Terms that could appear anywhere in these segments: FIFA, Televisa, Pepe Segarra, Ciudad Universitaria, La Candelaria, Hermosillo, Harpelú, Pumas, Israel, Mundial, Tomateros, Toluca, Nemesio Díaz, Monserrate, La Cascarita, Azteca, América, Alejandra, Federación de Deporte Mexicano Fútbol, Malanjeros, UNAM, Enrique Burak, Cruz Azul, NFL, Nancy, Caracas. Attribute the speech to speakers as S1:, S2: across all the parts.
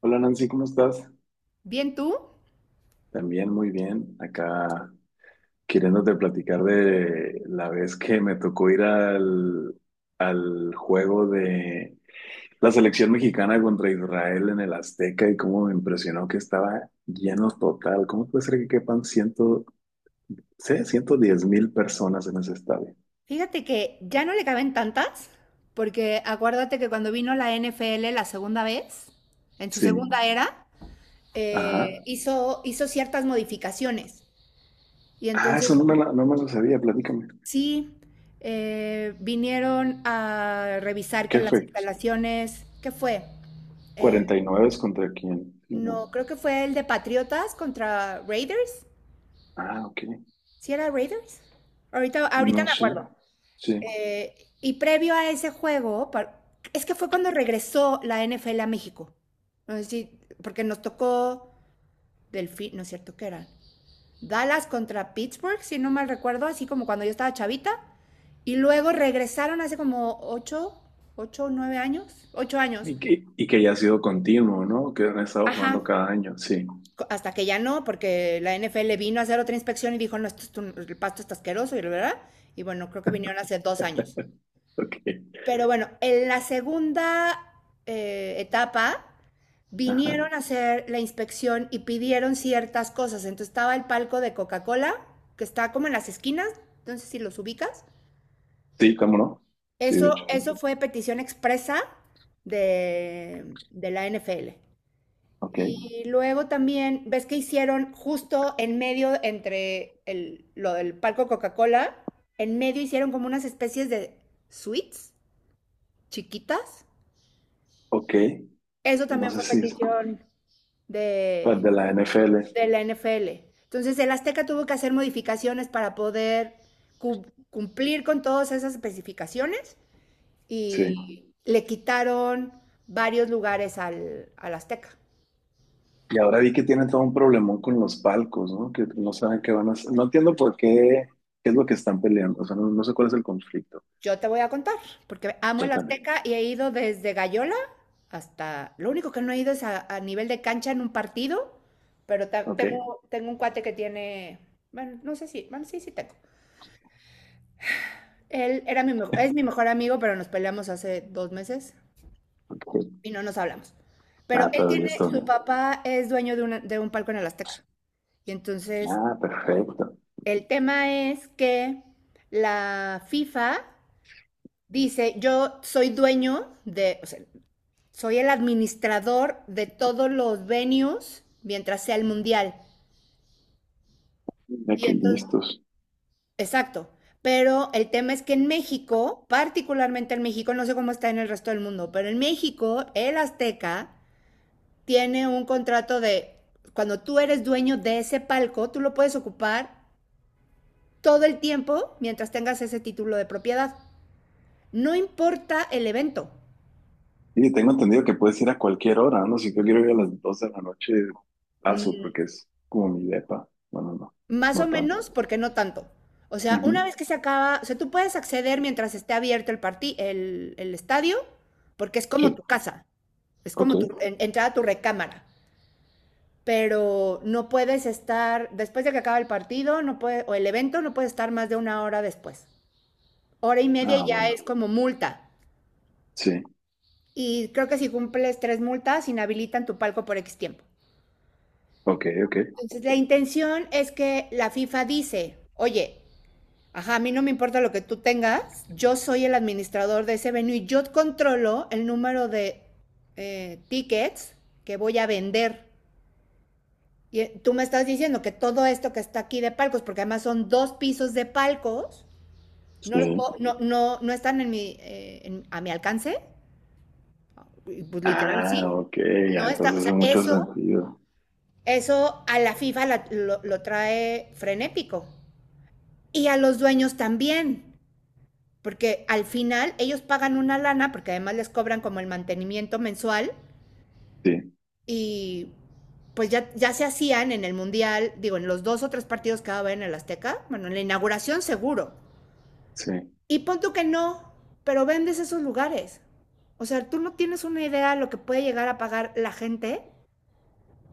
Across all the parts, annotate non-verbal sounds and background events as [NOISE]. S1: Hola Nancy, ¿cómo estás?
S2: Bien tú,
S1: También muy bien. Acá queriéndote platicar de la vez que me tocó ir al juego de la selección mexicana contra Israel en el Azteca y cómo me impresionó que estaba lleno total. ¿Cómo puede ser que quepan 110,000 personas en ese estadio?
S2: fíjate que ya no le caben tantas, porque acuérdate que cuando vino la NFL la segunda vez, en su
S1: Sí.
S2: segunda era, eh,
S1: Ajá.
S2: hizo ciertas modificaciones. Y
S1: Ah, eso
S2: entonces
S1: no me, la- no me lo sabía. Platícame.
S2: sí, vinieron a revisar que
S1: ¿Qué
S2: las
S1: fue?
S2: instalaciones, ¿qué fue? Eh,
S1: ¿49 contra quién? Sí, no.
S2: no, creo que fue el de Patriotas contra Raiders.
S1: Ah, ok.
S2: ¿Sí era Raiders? Ahorita,
S1: No
S2: ahorita me
S1: sé.
S2: acuerdo.
S1: Sí.
S2: Eh, y previo a ese juego, es que fue cuando regresó la NFL a México. No sé si- porque nos tocó Delfín, no es cierto que era Dallas contra Pittsburgh, si no mal recuerdo, así como cuando yo estaba chavita. Y luego regresaron hace como ocho, ocho, nueve años, ocho años.
S1: Y que ya ha sido continuo, ¿no? Que han estado
S2: Ajá.
S1: jugando cada año, sí.
S2: Hasta que ya no, porque la NFL vino a hacer otra inspección y dijo, no, esto es el pasto está asqueroso, y la verdad. Y bueno, creo que vinieron hace 2 años.
S1: Ok.
S2: Pero bueno, en la segunda etapa
S1: Ajá.
S2: vinieron a hacer la inspección y pidieron ciertas cosas. Entonces estaba el palco de Coca-Cola, que está como en las esquinas, entonces si los ubicas.
S1: Sí, cómo no. Sí, de hecho.
S2: Eso,
S1: Sí.
S2: eso fue petición expresa de la NFL.
S1: Ok.
S2: Y luego también, ves que hicieron justo en medio entre el, lo del palco Coca-Cola, en medio hicieron como unas especies de suites chiquitas.
S1: Ok.
S2: Eso
S1: No
S2: también
S1: sé
S2: fue
S1: si es,
S2: petición
S1: pues,
S2: de,
S1: de la NFL.
S2: de la NFL. Entonces, el Azteca tuvo que hacer modificaciones para poder cu- cumplir con todas esas especificaciones
S1: Sí.
S2: y le quitaron varios lugares al Azteca.
S1: Y ahora vi que tienen todo un problemón con los palcos, ¿no? Que no saben qué van a hacer. No entiendo por qué, qué es lo que están peleando. O sea, no, no sé cuál es el conflicto.
S2: Yo te voy a contar, porque amo el
S1: Cuéntame.
S2: Azteca y he ido desde Gallola hasta. Lo único que no he ido es a nivel de cancha en un partido, pero
S1: Ok.
S2: tengo un cuate que tiene. Bueno, no sé si. Bueno, sí, sí tengo. Él es mi mejor amigo, pero nos peleamos hace 2 meses
S1: Ok.
S2: y no nos hablamos. Pero
S1: Ah,
S2: él
S1: todavía
S2: tiene,
S1: estoy
S2: su
S1: bien.
S2: papá es dueño de un palco en el Azteca. Y entonces
S1: Ah, perfecto.
S2: el tema es que la FIFA dice, yo soy dueño de, o sea, soy el administrador de todos los venues mientras sea el mundial.
S1: Mira
S2: Y
S1: que
S2: entonces,
S1: listos.
S2: exacto. Pero el tema es que en México, particularmente en México, no sé cómo está en el resto del mundo, pero en México, el Azteca tiene un contrato de cuando tú eres dueño de ese palco, tú lo puedes ocupar todo el tiempo mientras tengas ese título de propiedad. No importa el evento.
S1: Sí, tengo entendido que puedes ir a cualquier hora, ¿no? Si yo quiero ir a las dos de la noche, paso,
S2: mm,
S1: porque es como mi depa. Bueno, no,
S2: Más o
S1: no tanto.
S2: menos, porque no tanto. O sea,
S1: Ujú,
S2: una vez que se acaba, o sea, tú puedes acceder mientras esté abierto el estadio, porque es como tu
S1: sí,
S2: casa, es
S1: ok.
S2: como tu entrar a tu recámara, pero no puedes estar, después de que acaba el partido, no puede, o el evento, no puedes estar más de 1 hora después. Hora y media
S1: Ah,
S2: ya es
S1: bueno,
S2: como multa.
S1: sí,
S2: Y creo que si cumples tres multas, inhabilitan tu palco por X tiempo.
S1: ok, ok,
S2: Entonces, la intención es que la FIFA dice, oye, ajá, a mí no me importa lo que tú tengas, yo soy el administrador de ese venue y yo controlo el número de tickets que voy a vender. Y tú me estás diciendo que todo esto que está aquí de palcos, porque además son dos pisos de palcos, no,
S1: sí.
S2: no, no, no están en mi, a mi alcance. Pues literal,
S1: Ah,
S2: sí.
S1: ok, ya,
S2: No está, o
S1: entonces hace
S2: sea,
S1: mucho
S2: eso,
S1: sentido.
S2: eso a la FIFA lo trae frenético. Y a los dueños también, porque al final ellos pagan una lana, porque además les cobran como el mantenimiento mensual,
S1: Sí,
S2: y pues ya, ya se hacían en el Mundial, digo, en los dos o tres partidos que va en el Azteca, bueno, en la inauguración seguro.
S1: sí.
S2: Y pon tú que no, pero vendes esos lugares. O sea, tú no tienes una idea de lo que puede llegar a pagar la gente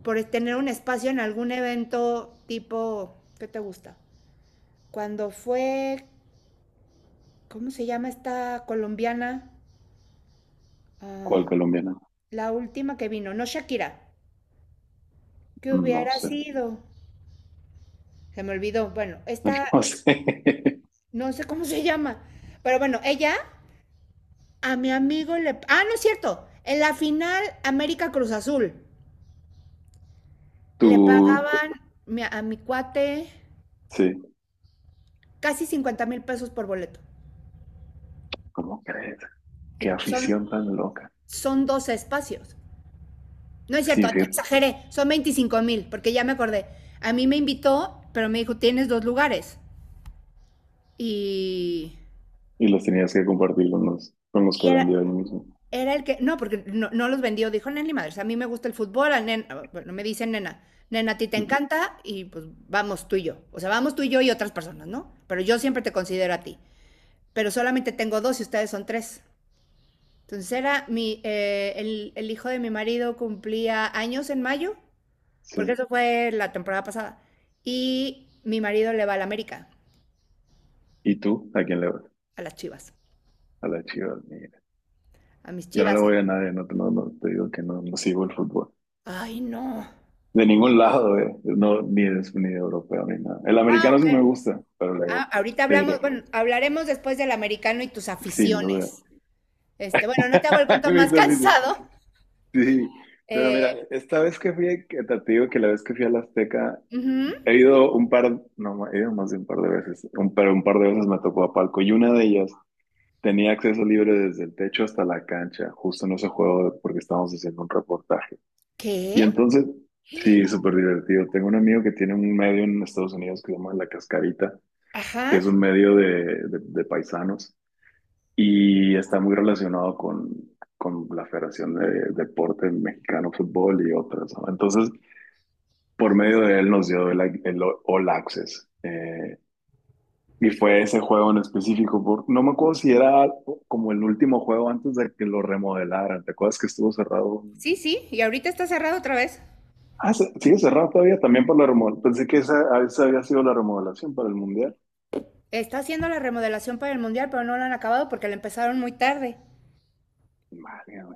S2: por tener un espacio en algún evento tipo, ¿qué te gusta? Cuando fue, ¿cómo se llama esta colombiana? Ah,
S1: ¿Cuál colombiana?
S2: la última que vino, no Shakira, que
S1: No
S2: hubiera
S1: sé,
S2: sido, se me olvidó, bueno,
S1: [LAUGHS]
S2: esta,
S1: no sé.
S2: no sé cómo se llama, pero bueno, ella a mi amigo le, ah, no es cierto, en la final América Cruz Azul, le
S1: Tú,
S2: pagaban a mi cuate
S1: sí,
S2: casi 50,000 pesos por boleto.
S1: ¿cómo crees? Qué
S2: Y son,
S1: afición tan loca.
S2: son dos espacios. No es cierto,
S1: Sí, fíjate.
S2: exageré, son 25,000, porque ya me acordé. A mí me invitó, pero me dijo, tienes dos lugares. Y,
S1: Y los tenías que compartir con los que
S2: y era,
S1: vendía ahí mismo.
S2: era el que, no, porque no, no los vendió, dijo, nena, ni Madres, a mí me gusta el fútbol, a nena, bueno, me dicen nena, nena, a ti te
S1: Ujú,
S2: encanta y pues vamos tú y yo. O sea, vamos tú y yo y otras personas, ¿no? Pero yo siempre te considero a ti. Pero solamente tengo dos y ustedes son tres. Entonces era el hijo de mi marido cumplía años en mayo. Porque
S1: sí.
S2: eso fue la temporada pasada. Y mi marido le va al América,
S1: ¿Y tú? ¿A quién le vas?
S2: a las Chivas,
S1: A las Chivas, mira.
S2: a mis
S1: Yo no
S2: Chivas.
S1: le voy a nadie, no, te- no, no, te digo que no, no sigo el fútbol.
S2: Ay, no.
S1: De ningún lado, eh. No, ni de europeo, ni nada. El
S2: Ah,
S1: americano
S2: ok.
S1: sí me gusta, pero
S2: Ah,
S1: luego
S2: ahorita
S1: te
S2: hablamos,
S1: diré,
S2: bueno, hablaremos después del americano y tus
S1: sin
S2: aficiones.
S1: duda.
S2: Este, bueno, no te hago el
S1: [LAUGHS] Y
S2: cuento
S1: me
S2: más [LAUGHS]
S1: hizo risa.
S2: cansado.
S1: Sí, pero
S2: Eh,
S1: mira, esta vez que fui, que te digo que la vez que fui a la Azteca,
S2: Ujú.
S1: he ido un par, no, he ido más de un par de veces, pero un par de veces me tocó a palco y una de ellas tenía acceso libre desde el techo hasta la cancha, justo en ese juego porque estábamos haciendo un reportaje. Y
S2: ¿Qué?
S1: entonces, sí, súper divertido. Tengo un amigo que tiene un medio en Estados Unidos que se llama La Cascarita,
S2: Ajá,
S1: que es un medio de paisanos y está muy relacionado con la Federación de Deporte Mexicano Fútbol y otras, ¿no? Entonces, por medio de él nos dio el All Access. Y fue ese juego en específico, no me acuerdo si era como el último juego antes de que lo remodelaran. ¿Te acuerdas que estuvo cerrado?
S2: sí, sí, y ahorita está cerrado otra vez.
S1: Ah, sigue cerrado todavía también por la remodelación. Pensé que esa, ah, esa había sido la remodelación para el Mundial.
S2: Está haciendo la remodelación para el mundial, pero no lo han acabado porque la empezaron muy tarde.
S1: Madre mía.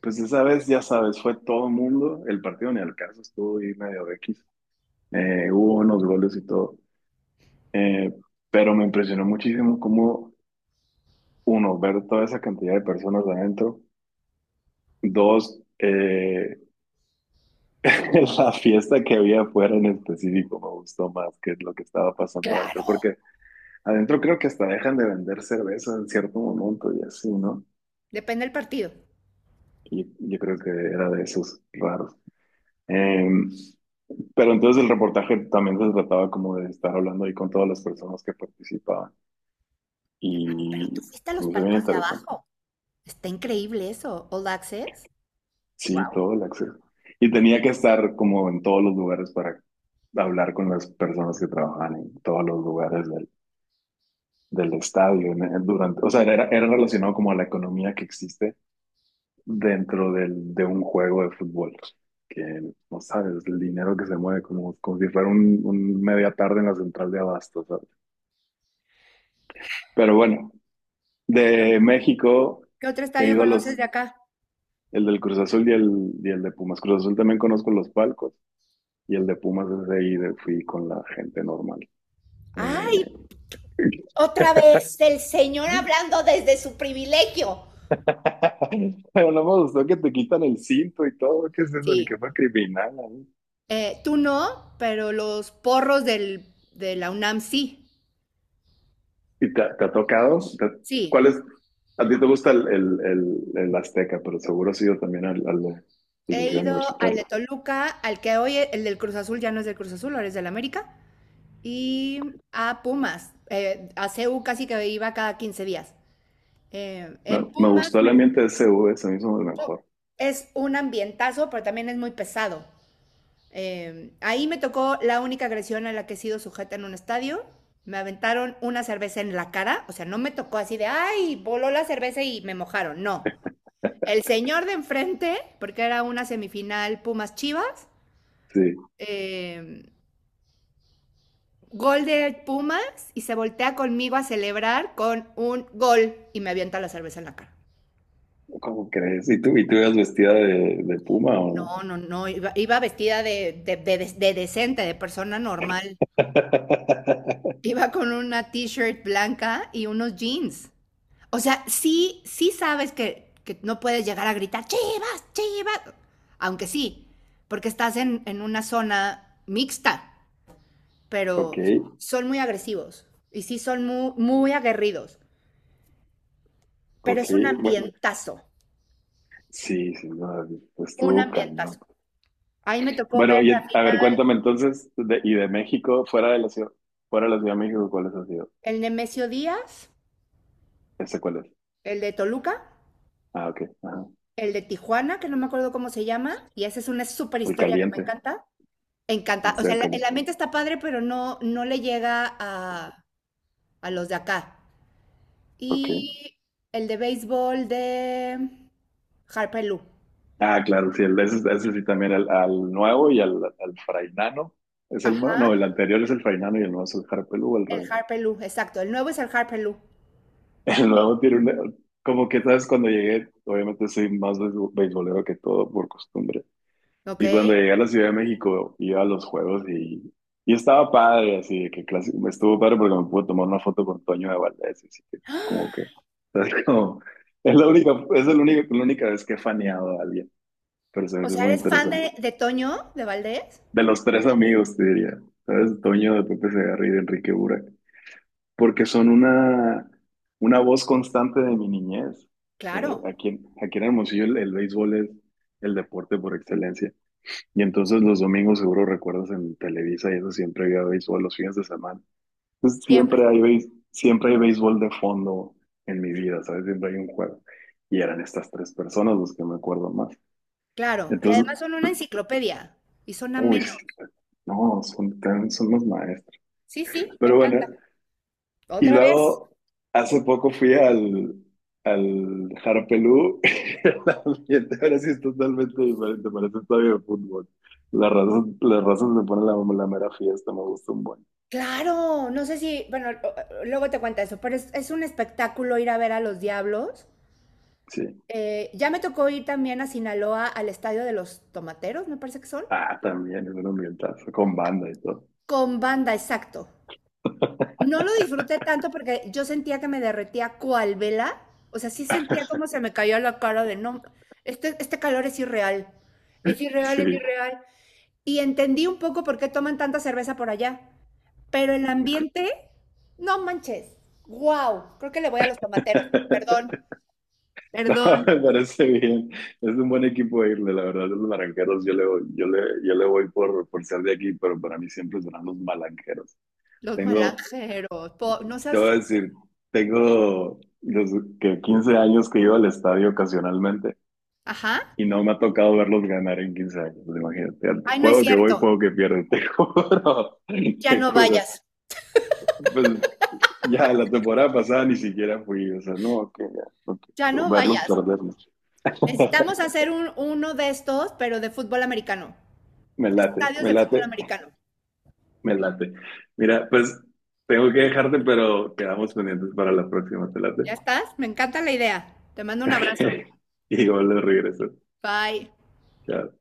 S1: Pues esa vez, ya sabes, fue todo el mundo. El partido ni al caso estuvo ahí medio X. Hubo unos goles y todo. Eh, pero me impresionó muchísimo cómo, uno, ver toda esa cantidad de personas adentro. Dos, [LAUGHS] la fiesta que había afuera en específico me gustó más que lo que estaba pasando adentro.
S2: Claro.
S1: Porque adentro creo que hasta dejan de vender cerveza en cierto momento y así, ¿no?
S2: Depende del partido.
S1: Y yo creo que era de esos raros. Eh, pero entonces el reportaje también se trataba como de estar hablando ahí con todas las personas que participaban
S2: Pero tú
S1: y
S2: fuiste a
S1: se
S2: los
S1: me hizo bien
S2: palcos de
S1: interesante.
S2: abajo. Está increíble eso. All Access.
S1: Sí,
S2: Wow.
S1: todo el acceso. Y tenía que estar como en todos los lugares para hablar con las personas que trabajaban en todos los lugares del estadio. Durante, o sea, era relacionado como a la economía que existe dentro de un juego de fútbol. Que no sabes, el dinero que se mueve como, como si fuera un media tarde en la central de abastos, ¿sabes? Pero bueno, de México
S2: ¿Qué otro
S1: he
S2: estadio
S1: ido a
S2: conoces
S1: los,
S2: de acá?
S1: el del Cruz Azul y el de Pumas. Cruz Azul también conozco los palcos y el de Pumas es ahí, fui con la gente normal.
S2: Ay,
S1: Eh,
S2: otra vez el señor hablando desde su privilegio.
S1: [LAUGHS] pero no me gustó que te quitan el cinto y todo, ¿qué es eso? Ni que
S2: Sí.
S1: fue criminal, ¿no?
S2: Tú no, pero los porros del, de la UNAM sí.
S1: ¿Y te ha tocado?
S2: Sí.
S1: ¿Cuál es? A ti te gusta el Azteca, pero seguro has ido también al de
S2: He
S1: Ciudad
S2: ido al
S1: Universitaria.
S2: de Toluca, al que hoy el del Cruz Azul ya no es del Cruz Azul, ahora es del América. Y a Pumas. A C U casi que iba cada 15 días.
S1: Me,
S2: En
S1: me
S2: Pumas
S1: gustó el ambiente de CV, se me hizo el mejor.
S2: es un ambientazo, pero también es muy pesado. Ahí me tocó la única agresión a la que he sido sujeta en un estadio. Me aventaron una cerveza en la cara, o sea, no me tocó así de, ay, voló la cerveza y me mojaron, no. El señor de enfrente, porque era una semifinal Pumas Chivas,
S1: Sí,
S2: eh, gol de Pumas y se voltea conmigo a celebrar con un gol y me avienta la cerveza en la cara.
S1: ¿cómo crees? Y tú ibas vestida de puma o no?
S2: No, no, no, iba vestida de decente, de persona normal.
S1: [LAUGHS]
S2: Iba con una t-shirt blanca y unos jeans. O sea, sí, sí sabes que, no puedes llegar a gritar, chivas, chivas. Aunque sí, porque estás en una zona mixta,
S1: Ok,
S2: pero son muy agresivos y sí son muy, muy aguerridos, pero
S1: ok.
S2: es un
S1: Bueno,
S2: ambientazo,
S1: sí, sí, no,
S2: un
S1: estuvo cañón.
S2: ambientazo. Ahí me tocó ver
S1: Bueno,
S2: la
S1: y a ver,
S2: final
S1: cuéntame entonces, y de México, fuera de la ciudad, fuera de la Ciudad de México, ¿cuáles ha sido?
S2: el Nemesio Díaz,
S1: ¿Ese cuál es?
S2: el de Toluca,
S1: Ah, ok, ajá.
S2: el de Tijuana, que no me acuerdo cómo se llama, y esa es una súper
S1: El
S2: historia que me
S1: caliente,
S2: encanta.
S1: el
S2: Encanta, o sea,
S1: estadio
S2: el
S1: caliente.
S2: ambiente está padre, pero no, no le llega a los de acá.
S1: Ok.
S2: Y el de béisbol de Harper Lou.
S1: Ah, claro, sí, el, ese sí también, al nuevo y al frainano. ¿Es el nuevo?
S2: Ajá,
S1: No, el anterior es el frainano y el nuevo es el Harpelú al
S2: el
S1: revés.
S2: Harper Lou, exacto. El nuevo es el Harper Lou.
S1: [LAUGHS] El
S2: Sí.
S1: nuevo tiene una... Como que, ¿sabes? Cuando llegué, obviamente soy más beisbolero que todo por costumbre.
S2: ¿Ok?
S1: Y cuando llegué a la Ciudad de México, iba a los juegos y estaba padre, así de que me estuvo padre porque me pude tomar una foto con Toño de Valdés, así que
S2: ¡Ah!
S1: como que... [LAUGHS] ¿sabes? Es la única, es la única vez que he faneado a alguien, pero se me
S2: O
S1: hizo
S2: sea,
S1: muy
S2: ¿eres fan
S1: interesante.
S2: de Toño, de Valdés?
S1: De los tres amigos, te diría. ¿Sabes? Toño de Pepe Segarra y de Enrique Burak. Porque son una voz constante de mi niñez.
S2: Claro,
S1: Aquí en Hermosillo el béisbol es el deporte por excelencia. Y entonces los domingos seguro recuerdas en Televisa y eso siempre había béisbol los fines de semana. Entonces
S2: siempre.
S1: siempre hay béisbol de fondo en mi vida, ¿sabes? Siempre hay un juego. Y eran estas tres personas los que me acuerdo más.
S2: Claro. Y
S1: Entonces,
S2: además son una enciclopedia y son
S1: uy,
S2: amenos.
S1: sí, no, son los maestros.
S2: Sí, sí, me
S1: Pero bueno,
S2: encanta.
S1: y
S2: ¿Otra vez?
S1: luego, hace poco fui al, Harpelú. [LAUGHS] El ambiente ahora sí es totalmente diferente, parece un estadio de fútbol. La razón, las razas me ponen la mera fiesta, me gusta un buen.
S2: Claro, no sé si, bueno, luego te cuento eso, pero es un espectáculo ir a ver a los diablos.
S1: Sí.
S2: Ya me tocó ir también a Sinaloa al estadio de los Tomateros, me parece que son,
S1: Ah, también es un ambientazo, con banda y todo.
S2: con banda, exacto. No lo disfruté tanto porque yo sentía que me derretía cual vela, o sea, sí sentía como se me cayó la cara de no, este calor es irreal, es irreal, es
S1: Sí.
S2: irreal. Y entendí un poco por qué toman tanta cerveza por allá, pero el ambiente, no manches, wow, creo que le voy a los tomateros, perdón,
S1: [LAUGHS] No,
S2: perdón,
S1: me parece bien. Es un buen equipo de irle, la verdad. Los malanqueros, yo le voy por ser de aquí, pero para mí siempre serán los malanqueros.
S2: los
S1: Tengo,
S2: malanjeros, no
S1: Te voy
S2: seas,
S1: a decir, tengo desde que 15 años que iba al estadio ocasionalmente
S2: ajá.
S1: y no me ha tocado verlos ganar en 15 años, imagínate.
S2: Ay, no es
S1: Juego que voy,
S2: cierto.
S1: juego que pierdo, [LAUGHS] te juro,
S2: Ya
S1: te
S2: no
S1: juro.
S2: vayas.
S1: Pues ya la temporada pasada ni siquiera fui, o sea, no, que ya, no
S2: Ya
S1: quiero
S2: no
S1: verlos
S2: vayas.
S1: perderlos.
S2: Necesitamos
S1: [LAUGHS]
S2: hacer un, uno de estos, pero de fútbol americano.
S1: Me late,
S2: Estadios
S1: me
S2: de
S1: late,
S2: fútbol americano.
S1: me late. Mira, pues tengo que dejarte, pero quedamos pendientes para la próxima, te late. [LAUGHS]
S2: ¿Ya estás? Me encanta la idea. Te mando un abrazo.
S1: Ok. Y luego le regreso.
S2: Bye.
S1: Chao.